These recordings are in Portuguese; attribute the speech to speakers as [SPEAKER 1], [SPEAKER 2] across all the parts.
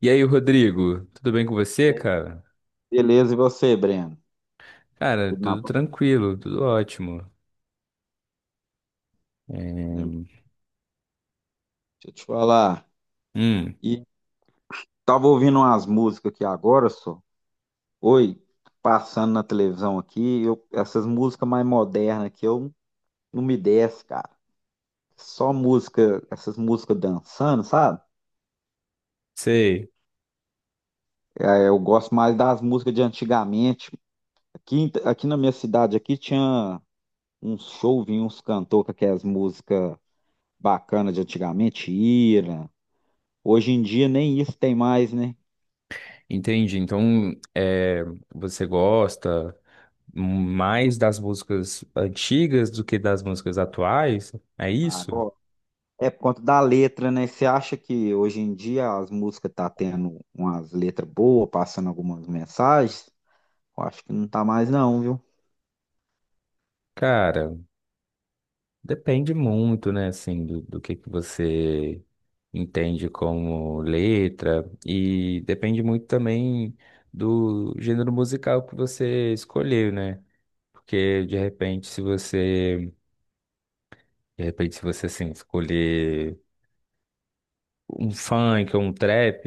[SPEAKER 1] E aí, Rodrigo, tudo bem com você,
[SPEAKER 2] E aí,
[SPEAKER 1] cara?
[SPEAKER 2] beleza, e você, Breno?
[SPEAKER 1] Cara,
[SPEAKER 2] Tudo na
[SPEAKER 1] tudo
[SPEAKER 2] paz?
[SPEAKER 1] tranquilo, tudo ótimo.
[SPEAKER 2] Aí,
[SPEAKER 1] É.
[SPEAKER 2] deixa eu te falar.
[SPEAKER 1] Hum.
[SPEAKER 2] E Tava ouvindo umas músicas aqui agora, só. Oi, passando na televisão aqui, eu, essas músicas mais modernas aqui, eu não me desço, cara. Só música, essas músicas dançando, sabe?
[SPEAKER 1] Sei,
[SPEAKER 2] É, eu gosto mais das músicas de antigamente. Aqui, aqui na minha cidade aqui tinha uns show, vinha uns cantores com aquelas músicas bacanas de antigamente, Ira. Hoje em dia nem isso tem mais, né?
[SPEAKER 1] entendi. É, Você gosta mais das músicas antigas do que das músicas atuais? É isso?
[SPEAKER 2] Agora. É por conta da letra, né? Você acha que hoje em dia as músicas tá tendo umas letras boas, passando algumas mensagens? Eu acho que não tá mais não, viu?
[SPEAKER 1] Cara, depende muito, né, assim, do que você entende como letra, e depende muito também do gênero musical que você escolheu, né? Porque de repente, se você, de repente, se você assim, escolher um funk ou um trap,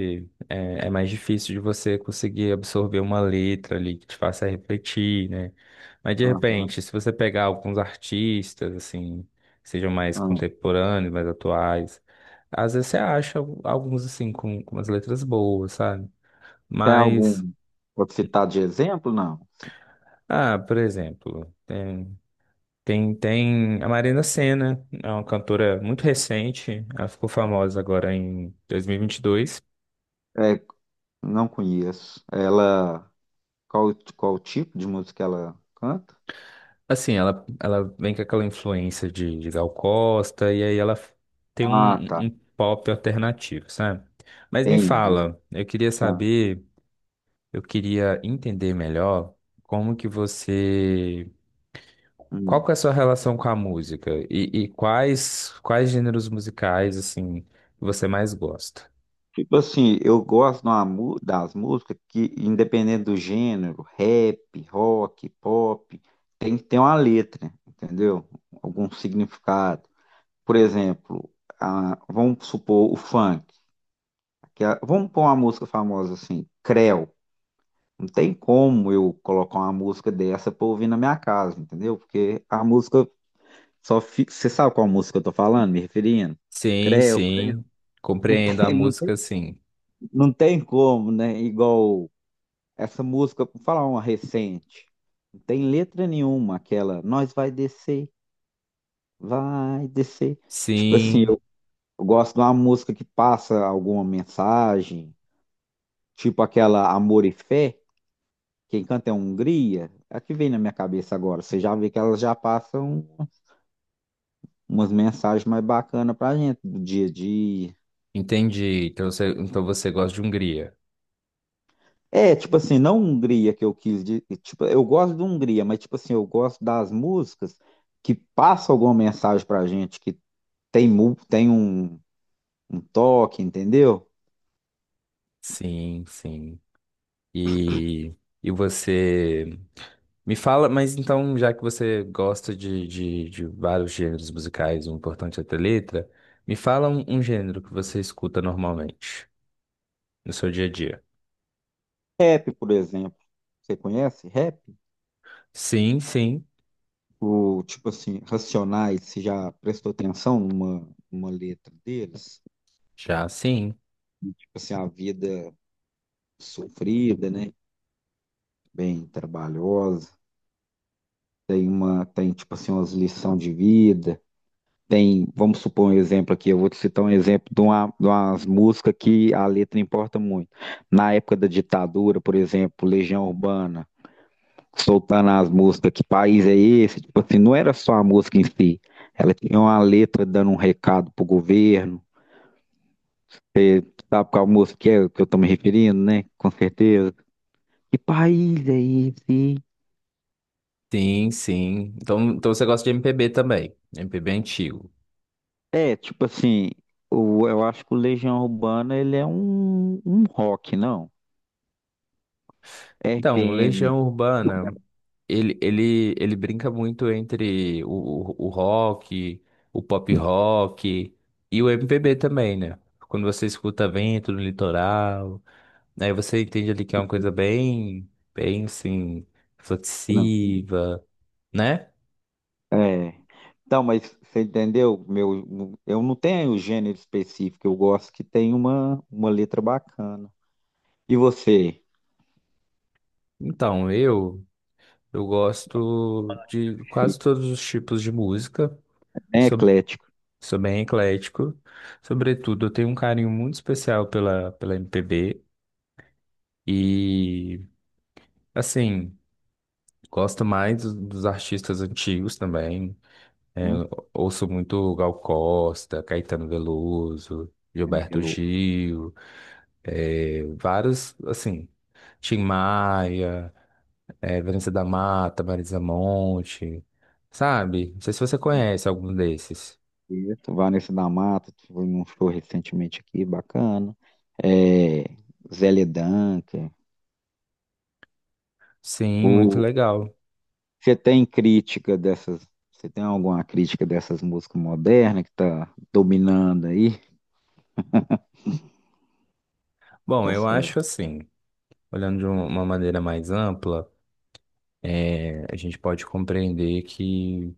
[SPEAKER 1] é mais difícil de você conseguir absorver uma letra ali que te faça refletir, né? Mas de
[SPEAKER 2] Aham,
[SPEAKER 1] repente, se você pegar alguns artistas, assim, que sejam mais
[SPEAKER 2] aham.
[SPEAKER 1] contemporâneos, mais atuais, às vezes você acha alguns assim com umas letras boas, sabe?
[SPEAKER 2] Tem
[SPEAKER 1] Mas,
[SPEAKER 2] algum pra citar de exemplo? Não. Sim.
[SPEAKER 1] ah, por exemplo. Tem a Marina Sena, é uma cantora muito recente, ela ficou famosa agora em 2022.
[SPEAKER 2] É, não conheço. Ela, qual tipo de música ela canta?
[SPEAKER 1] Assim, ela vem com aquela influência de Gal Costa, e aí ela tem
[SPEAKER 2] Ah, tá.
[SPEAKER 1] um pop alternativo, sabe? Mas me
[SPEAKER 2] Entendi.
[SPEAKER 1] fala, eu queria
[SPEAKER 2] Tá.
[SPEAKER 1] saber, eu queria entender melhor como que você...
[SPEAKER 2] Hum.
[SPEAKER 1] Qual que é a sua relação com a música? E quais gêneros musicais, assim, você mais gosta?
[SPEAKER 2] Tipo assim, eu gosto de das músicas que, independente do gênero, rap, rock, pop, tem que ter uma letra, entendeu? Algum significado. Por exemplo, vamos supor o funk. Vamos pôr uma música famosa assim, Creu. Não tem como eu colocar uma música dessa pra ouvir na minha casa, entendeu? Porque a música só fica. Você sabe qual música eu tô falando, me referindo?
[SPEAKER 1] Sim,
[SPEAKER 2] Creu, Creu.
[SPEAKER 1] sim.
[SPEAKER 2] Não
[SPEAKER 1] Compreendo a
[SPEAKER 2] tem, não tem,
[SPEAKER 1] música, sim.
[SPEAKER 2] não tem como, né? Igual. Essa música, vou falar uma recente, não tem letra nenhuma, aquela nós vai descer, vai descer. Tipo assim,
[SPEAKER 1] Sim,
[SPEAKER 2] eu gosto de uma música que passa alguma mensagem, tipo aquela Amor e Fé, quem canta é Hungria, é a que vem na minha cabeça agora. Você já vê que elas já passam umas mensagens mais bacanas pra gente do dia a dia.
[SPEAKER 1] entendi. Então você gosta de Hungria.
[SPEAKER 2] É, tipo assim, não Hungria que eu quis, tipo, eu gosto de Hungria, mas tipo assim, eu gosto das músicas que passam alguma mensagem pra gente, que tem, um toque, entendeu?
[SPEAKER 1] Sim, sim. E, e você me fala, mas então, já que você gosta de vários gêneros musicais, o importante é ter letra. Me fala um gênero que você escuta normalmente no seu dia a dia.
[SPEAKER 2] Rap, por exemplo. Você conhece rap?
[SPEAKER 1] Sim, sim.
[SPEAKER 2] O, tipo assim, Racionais, você já prestou atenção numa letra deles?
[SPEAKER 1] Já sim.
[SPEAKER 2] Tipo assim, a vida sofrida, né? Bem trabalhosa. Tem uma, tem tipo assim, umas lições de vida. Tem, vamos supor um exemplo aqui, eu vou te citar um exemplo de de umas músicas que a letra importa muito. Na época da ditadura, por exemplo, Legião Urbana. Soltando as músicas, que país é esse? Tipo assim, não era só a música em si. Ela tinha uma letra dando um recado pro governo. Você sabe qual música que é que eu tô me referindo, né? Com certeza. Que país é esse?
[SPEAKER 1] Sim, sim. Então você gosta de MPB também. MPB antigo.
[SPEAKER 2] É, tipo assim, eu acho que o Legião Urbana ele é um rock, não?
[SPEAKER 1] Então,
[SPEAKER 2] RPM.
[SPEAKER 1] Legião Urbana, ele brinca muito entre o rock, o pop rock e o MPB também, né? Quando você escuta Vento no Litoral, aí você entende ali que é uma coisa bem, bem assim,
[SPEAKER 2] Não.
[SPEAKER 1] reflexiva, né?
[SPEAKER 2] É. Então, mas você entendeu? Meu, eu não tenho um gênero específico, eu gosto que tem uma letra bacana. E você?
[SPEAKER 1] Então, eu gosto de quase todos os tipos de música.
[SPEAKER 2] Bem
[SPEAKER 1] Sou
[SPEAKER 2] eclético,
[SPEAKER 1] Sou bem eclético. Sobretudo, eu tenho um carinho muito especial pela MPB. E, assim, gosto mais dos artistas antigos também. É,
[SPEAKER 2] né?
[SPEAKER 1] eu ouço muito Gal Costa, Caetano Veloso, Gilberto
[SPEAKER 2] Pelo
[SPEAKER 1] Gil, é, vários, assim, Tim Maia, é, Vanessa da Mata, Marisa Monte, sabe? Não sei se você conhece algum desses.
[SPEAKER 2] Quinteto, Vanessa da Mata, que foi num show recentemente aqui, bacana. É, Zélia Duncan.
[SPEAKER 1] Sim, muito
[SPEAKER 2] O,
[SPEAKER 1] legal.
[SPEAKER 2] você tem crítica dessas? Você tem alguma crítica dessas músicas modernas que tá dominando aí?
[SPEAKER 1] Bom, eu
[SPEAKER 2] Essa,
[SPEAKER 1] acho assim. Olhando de uma maneira mais ampla, é, a gente pode compreender que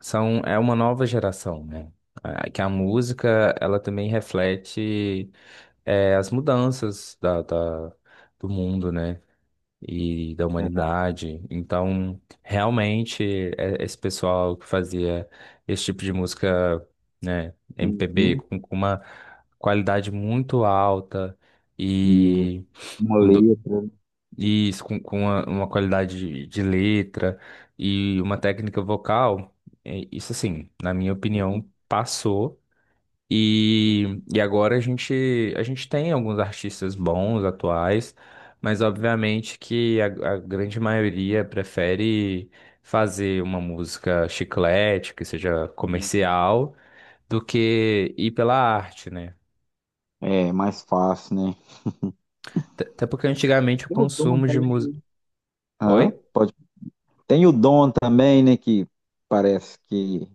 [SPEAKER 1] são, é uma nova geração, né? Ah, que a música, ela também reflete, é, as mudanças do mundo, né? E da
[SPEAKER 2] exato.
[SPEAKER 1] humanidade. Então, realmente, é, esse pessoal que fazia esse tipo de música, né? MPB,
[SPEAKER 2] Uhum.
[SPEAKER 1] com uma qualidade muito alta
[SPEAKER 2] E
[SPEAKER 1] e
[SPEAKER 2] uma letra
[SPEAKER 1] isso, com uma qualidade de letra e uma técnica vocal, é, isso assim, na minha opinião, passou. E agora a gente tem alguns artistas bons, atuais, mas obviamente que a grande maioria prefere fazer uma música chiclete, que seja
[SPEAKER 2] assim,
[SPEAKER 1] comercial, do que ir pela arte, né?
[SPEAKER 2] é mais fácil, né?
[SPEAKER 1] Até porque antigamente o
[SPEAKER 2] Tem o Dom
[SPEAKER 1] consumo de música.
[SPEAKER 2] também, hã? Pode. Tem o Dom também, né? Que parece que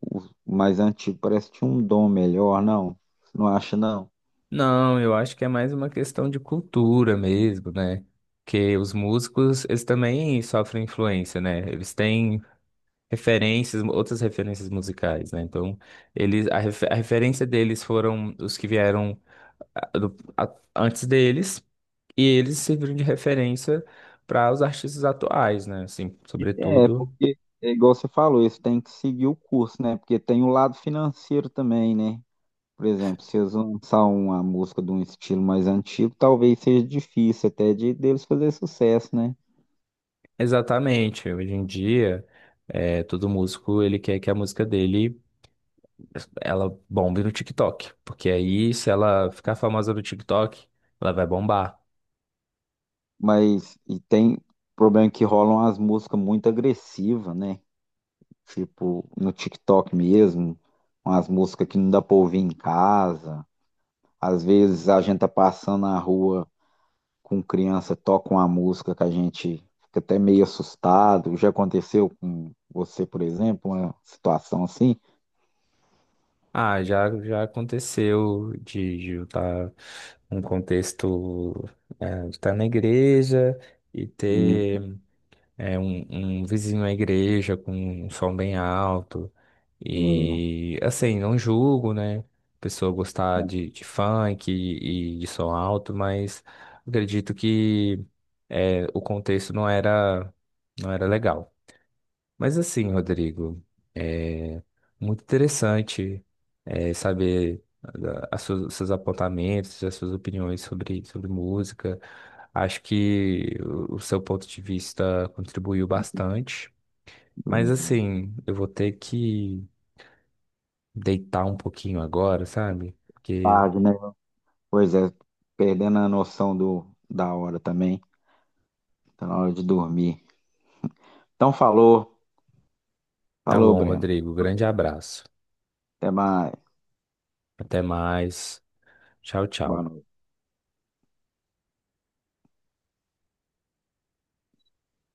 [SPEAKER 2] o mais antigo parece que tinha um dom melhor, não? Você não acha, não?
[SPEAKER 1] Não, eu acho que é mais uma questão de cultura mesmo, né? Que os músicos, eles também sofrem influência, né? Eles têm referências, outras referências musicais, né? Então, a referência deles foram os que vieram antes deles, e eles serviram de referência para os artistas atuais, né? Assim,
[SPEAKER 2] É,
[SPEAKER 1] sobretudo,
[SPEAKER 2] porque é igual você falou, eles têm que seguir o curso, né? Porque tem o lado financeiro também, né? Por exemplo, se eles lançar uma música de um estilo mais antigo, talvez seja difícil até de deles fazer sucesso, né?
[SPEAKER 1] exatamente. Hoje em dia, é, todo músico, ele quer que a música dele ela bombe no TikTok, porque aí se ela ficar famosa no TikTok, ela vai bombar.
[SPEAKER 2] Mas e tem problema que rolam as músicas muito agressivas, né? Tipo, no TikTok mesmo, umas músicas que não dá pra ouvir em casa. Às vezes a gente tá passando na rua com criança toca uma música que a gente fica até meio assustado. Já aconteceu com você, por exemplo, uma situação assim?
[SPEAKER 1] Ah, já, já aconteceu de eu estar num contexto, é, de estar na igreja e ter
[SPEAKER 2] Hum,
[SPEAKER 1] é, um vizinho à igreja com um som bem alto.
[SPEAKER 2] é,
[SPEAKER 1] E assim, não julgo, né? A pessoa gostar de funk e de som alto, mas acredito que é, o contexto não era, não era legal. Mas assim, Rodrigo, é muito interessante, é, saber seus apontamentos, as suas opiniões sobre música. Acho que o seu ponto de vista contribuiu bastante. Mas
[SPEAKER 2] é,
[SPEAKER 1] assim, eu vou ter que deitar um pouquinho agora, sabe? Porque
[SPEAKER 2] tarde, né? Pois é, perdendo a noção do, da hora também. Tá na hora de dormir. Então falou,
[SPEAKER 1] tá
[SPEAKER 2] falou,
[SPEAKER 1] bom,
[SPEAKER 2] Breno.
[SPEAKER 1] Rodrigo. Grande abraço.
[SPEAKER 2] Até mais.
[SPEAKER 1] Até mais. Tchau,
[SPEAKER 2] Boa
[SPEAKER 1] tchau.
[SPEAKER 2] noite.